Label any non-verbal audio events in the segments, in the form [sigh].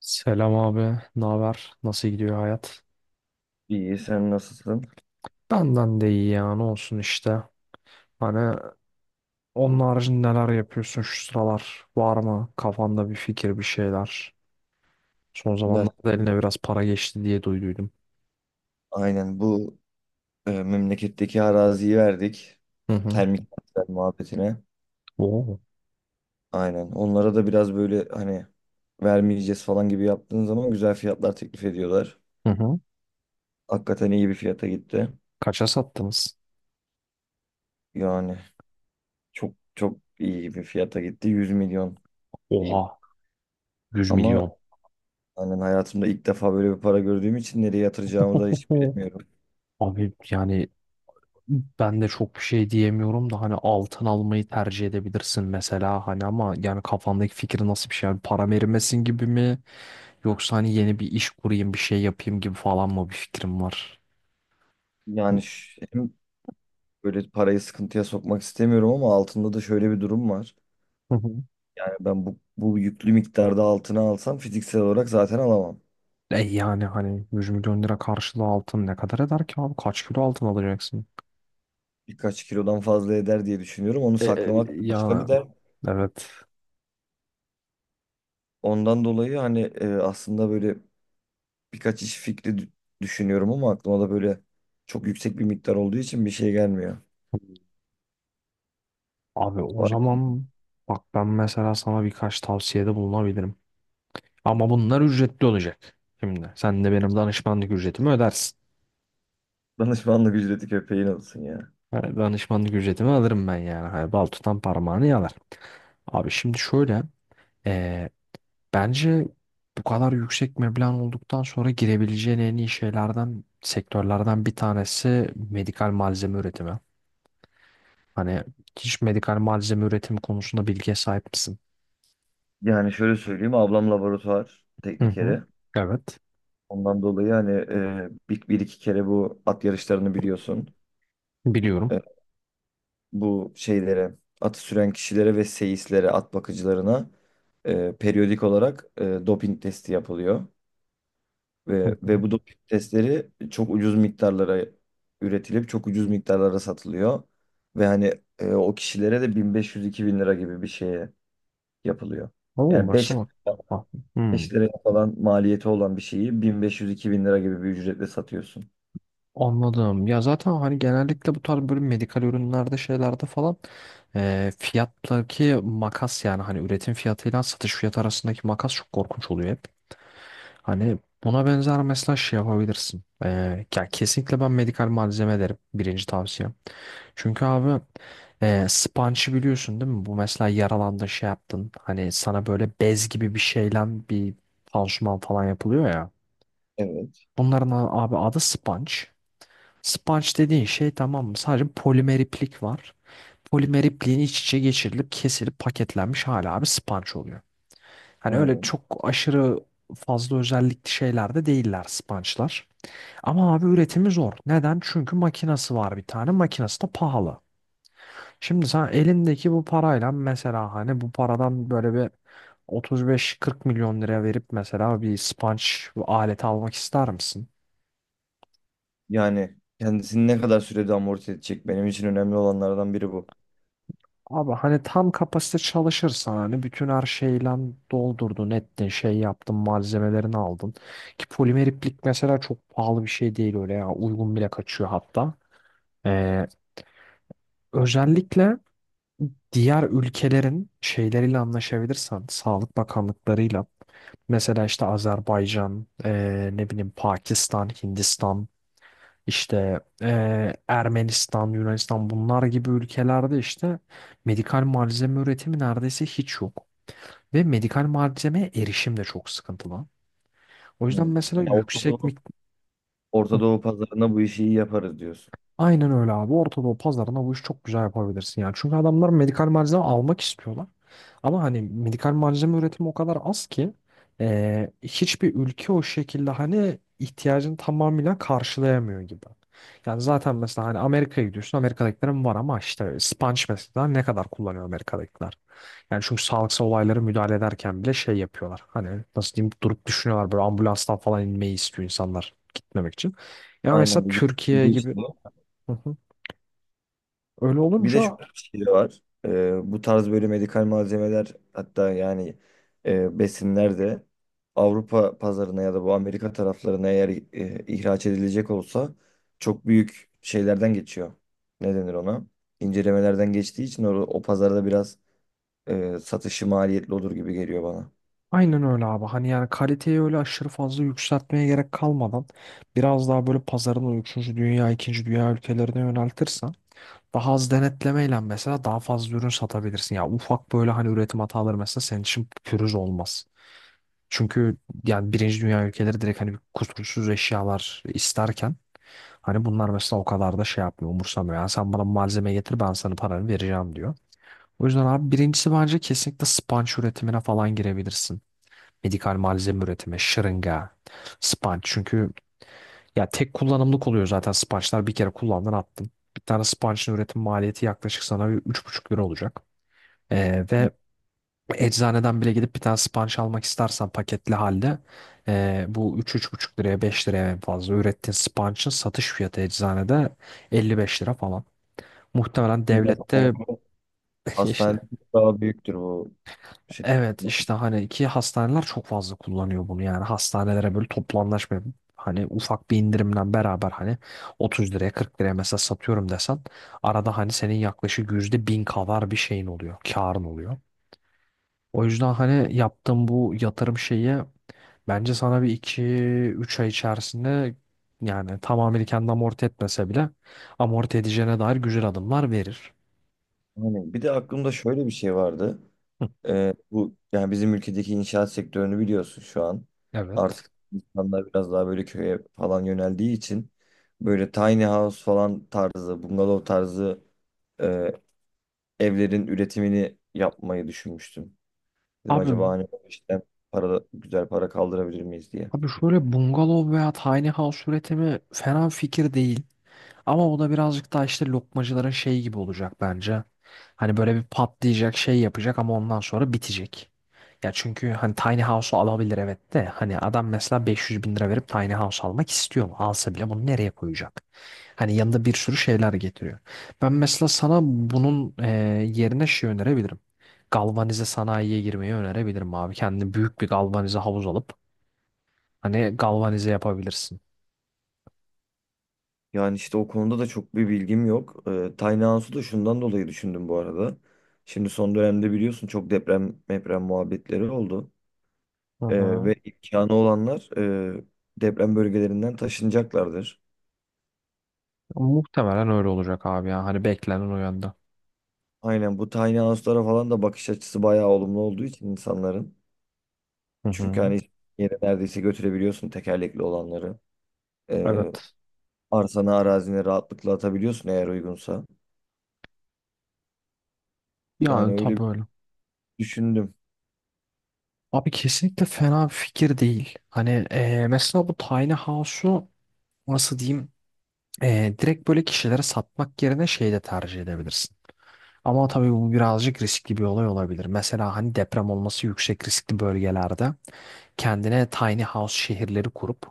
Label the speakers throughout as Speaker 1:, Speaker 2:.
Speaker 1: Selam abi, ne haber? Nasıl gidiyor hayat?
Speaker 2: İyi, sen nasılsın?
Speaker 1: Benden de iyi ya, ne olsun işte. Hani onun haricinde neler yapıyorsun şu sıralar? Var mı kafanda bir fikir, bir şeyler? Son
Speaker 2: Ya
Speaker 1: zamanlarda eline biraz para geçti diye duyduydum.
Speaker 2: aynen bu memleketteki araziyi verdik.
Speaker 1: Hı hı.
Speaker 2: Termik santral muhabbetine.
Speaker 1: Oo.
Speaker 2: Aynen. Onlara da biraz böyle hani vermeyeceğiz falan gibi yaptığın zaman güzel fiyatlar teklif ediyorlar.
Speaker 1: Hı hı.
Speaker 2: Hakikaten iyi bir fiyata gitti.
Speaker 1: Kaça sattınız?
Speaker 2: Yani çok çok iyi bir fiyata gitti. 100 milyon diyeyim.
Speaker 1: Oha, yüz
Speaker 2: Ama
Speaker 1: milyon.
Speaker 2: hani hayatımda ilk defa böyle bir para gördüğüm için nereye yatıracağımı da hiç
Speaker 1: Oho.
Speaker 2: bilemiyorum.
Speaker 1: Abi yani ben de çok bir şey diyemiyorum da hani altın almayı tercih edebilirsin mesela hani, ama yani kafandaki fikri nasıl bir şey? Yani param erimesin gibi mi? Yoksa hani yeni bir iş kurayım, bir şey yapayım gibi falan mı bir fikrim var?
Speaker 2: Yani hem böyle parayı sıkıntıya sokmak istemiyorum ama altında da şöyle bir durum var.
Speaker 1: Hı hı.
Speaker 2: Yani ben bu yüklü miktarda altına alsam fiziksel olarak zaten alamam.
Speaker 1: E yani hani 100 milyon lira karşılığı altın ne kadar eder ki abi? Kaç kilo altın alacaksın?
Speaker 2: Birkaç kilodan fazla eder diye düşünüyorum. Onu saklamak başka bir
Speaker 1: Yani
Speaker 2: dert.
Speaker 1: evet.
Speaker 2: Ondan dolayı hani aslında böyle birkaç iş fikri düşünüyorum ama aklıma da böyle çok yüksek bir miktar olduğu için bir şey gelmiyor.
Speaker 1: Abi o
Speaker 2: Var ki
Speaker 1: zaman bak, ben mesela sana birkaç tavsiyede bulunabilirim. Ama bunlar ücretli olacak. Şimdi sen de benim danışmanlık ücretimi ödersin.
Speaker 2: [laughs] danışmanlık ücreti köpeğin olsun ya.
Speaker 1: Yani danışmanlık ücretimi alırım ben yani. Hani bal tutan parmağını yalar. Abi şimdi şöyle. eee, Bence bu kadar yüksek meblağın olduktan sonra girebileceğin en iyi şeylerden, sektörlerden bir tanesi medikal malzeme üretimi. Hani, hiç medikal malzeme üretimi konusunda bilgiye sahip misin?
Speaker 2: Yani şöyle söyleyeyim, ablam laboratuvar
Speaker 1: Hı hı.
Speaker 2: teknikeri.
Speaker 1: Evet.
Speaker 2: Ondan dolayı hani bir iki kere bu at yarışlarını biliyorsun.
Speaker 1: Biliyorum.
Speaker 2: E, Bu şeylere, atı süren kişilere ve seyislere, at bakıcılarına periyodik olarak doping testi yapılıyor. Ve,
Speaker 1: Hı.
Speaker 2: ve bu doping testleri çok ucuz miktarlara üretilip çok ucuz miktarlara satılıyor. Ve hani o kişilere de 1500-2000 lira gibi bir şeye yapılıyor.
Speaker 1: Oo,
Speaker 2: Yani beş
Speaker 1: mesela. Bak. Hı.
Speaker 2: beş liraya falan maliyeti olan bir şeyi 1500-2000 lira gibi bir ücretle satıyorsun.
Speaker 1: Anladım. Ya zaten hani genellikle bu tarz böyle medikal ürünlerde, şeylerde falan fiyattaki makas, yani hani üretim fiyatıyla satış fiyatı arasındaki makas çok korkunç oluyor hep. Hani buna benzer mesela şey yapabilirsin. Ya kesinlikle ben medikal malzeme derim. Birinci tavsiyem. Çünkü abi sponge'ı biliyorsun değil mi? Bu mesela yaralandın, şey yaptın. Hani sana böyle bez gibi bir şeyle bir pansuman falan yapılıyor ya.
Speaker 2: Evet,
Speaker 1: Bunların abi adı sponge. Sponge dediğin şey, tamam mı? Sadece polimer iplik var. Polimer ipliğin iç içe geçirilip kesilip paketlenmiş hala bir sponge oluyor. Hani öyle
Speaker 2: aynen.
Speaker 1: çok aşırı fazla özellikli şeyler de değiller sponge'lar. Ama abi üretimi zor. Neden? Çünkü makinası var bir tane. Makinası da pahalı. Şimdi sen elindeki bu parayla, mesela hani bu paradan böyle bir 35-40 milyon lira verip mesela bir sponge aleti almak ister misin?
Speaker 2: Yani kendisini ne kadar sürede amorti edecek, benim için önemli olanlardan biri bu.
Speaker 1: Abi hani tam kapasite çalışırsan, hani bütün her şeyle doldurdun ettin şey yaptın, malzemelerini aldın. Ki polimer iplik mesela çok pahalı bir şey değil, öyle ya, uygun bile kaçıyor hatta. Ee, Özellikle diğer ülkelerin şeyleriyle anlaşabilirsen, sağlık bakanlıklarıyla mesela işte Azerbaycan, ne bileyim, Pakistan, Hindistan, işte Ermenistan, Yunanistan bunlar gibi ülkelerde işte medikal malzeme üretimi neredeyse hiç yok. Ve medikal malzemeye erişim de çok sıkıntılı. O yüzden
Speaker 2: Hmm.
Speaker 1: mesela
Speaker 2: Ya Orta
Speaker 1: yüksek
Speaker 2: Doğu,
Speaker 1: miktar.
Speaker 2: Orta Doğu pazarına bu işi iyi yaparız diyorsun.
Speaker 1: Aynen öyle abi. Orta Doğu pazarına bu işi çok güzel yapabilirsin yani. Çünkü adamlar medikal malzeme almak istiyorlar. Ama hani medikal malzeme üretimi o kadar az ki hiçbir ülke o şekilde hani ihtiyacını tamamıyla karşılayamıyor gibi. Yani zaten mesela hani Amerika'ya gidiyorsun. Amerika'dakilerin var, ama işte sponge mesela ne kadar kullanıyor Amerika'dakiler? Yani çünkü sağlıksal olaylara müdahale ederken bile şey yapıyorlar. Hani nasıl diyeyim, durup düşünüyorlar, böyle ambulanstan falan inmeyi istiyor insanlar gitmemek için. Ya
Speaker 2: Aynen.
Speaker 1: mesela
Speaker 2: Bir
Speaker 1: Türkiye
Speaker 2: ucuz
Speaker 1: gibi.
Speaker 2: işte.
Speaker 1: Hı hı. Öyle
Speaker 2: Bir de
Speaker 1: olunca
Speaker 2: şöyle bir şey de var. Bu tarz böyle medikal malzemeler, hatta yani besinler de Avrupa pazarına ya da bu Amerika taraflarına eğer ihraç edilecek olsa çok büyük şeylerden geçiyor. Ne denir ona? İncelemelerden geçtiği için o pazarda biraz satışı maliyetli olur gibi geliyor bana.
Speaker 1: aynen öyle abi. Hani yani kaliteyi öyle aşırı fazla yükseltmeye gerek kalmadan biraz daha böyle pazarını o 3. dünya, ikinci dünya ülkelerine yöneltirsen daha az denetlemeyle mesela daha fazla ürün satabilirsin. Ya ufak böyle hani üretim hataları mesela senin için pürüz olmaz. Çünkü yani birinci dünya ülkeleri direkt hani kusursuz eşyalar isterken, hani bunlar mesela o kadar da şey yapmıyor, umursamıyor. Yani sen bana malzeme getir, ben sana paranı vereceğim diyor. O yüzden abi birincisi bence kesinlikle spanç üretimine falan girebilirsin. Medikal malzeme üretimi, şırınga, spanç. Çünkü ya tek kullanımlık oluyor zaten spançlar, bir kere kullandın attın. Bir tane spançın üretim maliyeti yaklaşık sana 3,5 lira olacak. Ve eczaneden bile gidip bir tane spanç almak istersen paketli halde bu 3,5 liraya, 5 liraya en fazla ürettiğin spançın satış fiyatı eczanede 55 lira falan. Muhtemelen
Speaker 2: Hastanede,
Speaker 1: devlette [laughs]
Speaker 2: hastanede
Speaker 1: işte.
Speaker 2: çok daha büyüktür bu şey.
Speaker 1: Evet, işte hani ki hastaneler çok fazla kullanıyor bunu, yani hastanelere böyle toplu anlaşma yapıp hani ufak bir indirimle beraber hani 30 liraya, 40 liraya mesela satıyorum desen arada hani senin yaklaşık %1000 kadar bir şeyin oluyor, karın oluyor. O yüzden hani yaptığım bu yatırım şeyi bence sana bir iki üç ay içerisinde, yani tamamını kendi amorti etmese bile, amorti edeceğine dair güzel adımlar verir.
Speaker 2: Yani bir de aklımda şöyle bir şey vardı.
Speaker 1: Hı.
Speaker 2: Bu yani bizim ülkedeki inşaat sektörünü biliyorsun şu an.
Speaker 1: Evet.
Speaker 2: Artık insanlar biraz daha böyle köye falan yöneldiği için böyle tiny house falan tarzı, bungalov tarzı e, evlerin üretimini yapmayı düşünmüştüm. Dedim
Speaker 1: Abi
Speaker 2: acaba hani işte para, güzel para kaldırabilir miyiz diye.
Speaker 1: Abi şöyle, bungalov veya tiny house üretimi fena fikir değil. Ama o da birazcık daha işte lokmacıların şey gibi olacak bence. Hani böyle bir patlayacak, şey yapacak ama ondan sonra bitecek. Ya çünkü hani tiny house'u alabilir evet de hani adam mesela 500 bin lira verip tiny house almak istiyor mu? Alsa bile bunu nereye koyacak? Hani yanında bir sürü şeyler getiriyor. Ben mesela sana bunun yerine şey önerebilirim. Galvanize sanayiye girmeyi önerebilirim abi. Kendine büyük bir galvanize havuz alıp hani galvanize yapabilirsin.
Speaker 2: Yani işte o konuda da çok bir bilgim yok. Tiny house'u da şundan dolayı düşündüm bu arada. Şimdi son dönemde biliyorsun çok deprem muhabbetleri oldu.
Speaker 1: Hı
Speaker 2: Ee,
Speaker 1: hı.
Speaker 2: ve imkanı olanlar e, deprem bölgelerinden taşınacaklardır.
Speaker 1: Muhtemelen öyle olacak abi ya. Hani beklenen o yönde.
Speaker 2: Aynen, bu tiny house'lara falan da bakış açısı bayağı olumlu olduğu için insanların.
Speaker 1: Hı
Speaker 2: Çünkü
Speaker 1: hı.
Speaker 2: hani yere neredeyse götürebiliyorsun tekerlekli olanları. Ee,
Speaker 1: Evet.
Speaker 2: arsana arazine rahatlıkla atabiliyorsun eğer uygunsa. Yani
Speaker 1: Yani
Speaker 2: öyle
Speaker 1: tabii
Speaker 2: bir
Speaker 1: öyle.
Speaker 2: düşündüm.
Speaker 1: Abi kesinlikle fena bir fikir değil. Hani mesela bu tiny house'u nasıl diyeyim, direkt böyle kişilere satmak yerine şey de tercih edebilirsin. Ama tabii bu birazcık riskli bir olay olabilir. Mesela hani deprem olması yüksek riskli bölgelerde kendine tiny house şehirleri kurup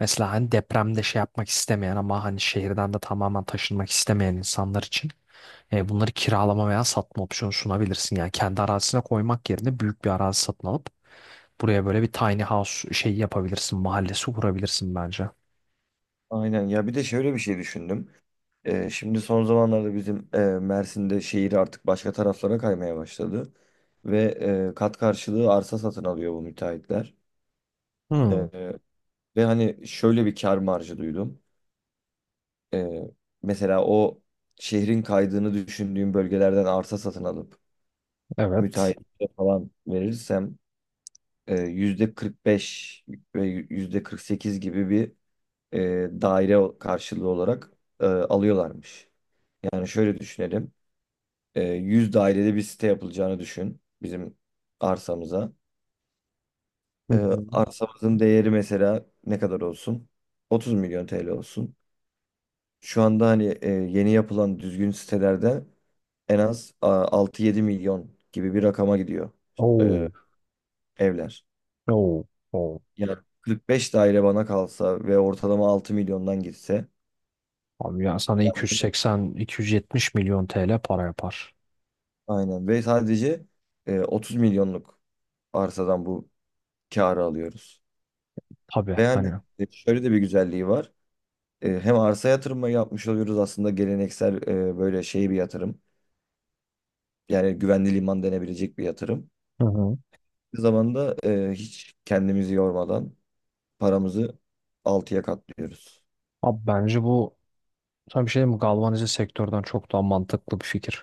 Speaker 1: mesela hani depremde şey yapmak istemeyen ama hani şehirden de tamamen taşınmak istemeyen insanlar için bunları kiralama veya satma opsiyonu sunabilirsin. Yani kendi arazisine koymak yerine büyük bir arazi satın alıp buraya böyle bir tiny house şeyi yapabilirsin. Mahallesi kurabilirsin bence.
Speaker 2: Aynen ya, bir de şöyle bir şey düşündüm. Şimdi son zamanlarda bizim Mersin'de şehir artık başka taraflara kaymaya başladı. Ve kat karşılığı arsa satın alıyor bu müteahhitler.
Speaker 1: Hmm,
Speaker 2: Ve hani şöyle bir kar marjı duydum. Ee, mesela o şehrin kaydığını düşündüğüm bölgelerden arsa satın alıp
Speaker 1: evet.
Speaker 2: müteahhitlere falan verirsem %45 ve %48 gibi bir daire karşılığı olarak alıyorlarmış. Yani şöyle düşünelim. 100 dairede bir site yapılacağını düşün bizim arsamıza.
Speaker 1: Hı
Speaker 2: E,
Speaker 1: hı.
Speaker 2: arsamızın değeri mesela ne kadar olsun? 30 milyon TL olsun. Şu anda hani yeni yapılan düzgün sitelerde en az 6-7 milyon gibi bir rakama gidiyor e,
Speaker 1: Oo,
Speaker 2: evler.
Speaker 1: oo, oo.
Speaker 2: Yani 45 daire bana kalsa ve ortalama 6 milyondan gitse
Speaker 1: Abi yani sana
Speaker 2: [laughs]
Speaker 1: 280-270 milyon TL para yapar.
Speaker 2: aynen ve sadece 30 milyonluk arsadan bu kârı alıyoruz.
Speaker 1: Tabii
Speaker 2: Ve yani
Speaker 1: hani.
Speaker 2: şöyle de bir güzelliği var. Hem arsa yatırımı yapmış oluyoruz, aslında geleneksel böyle şey bir yatırım. Yani güvenli liman denebilecek bir yatırım.
Speaker 1: Hı hı.
Speaker 2: Bir zamanda hiç kendimizi yormadan paramızı altıya katlıyoruz.
Speaker 1: Abi bence bu, sana bir şey diyeyim mi? Galvanize sektörden çok daha mantıklı bir fikir.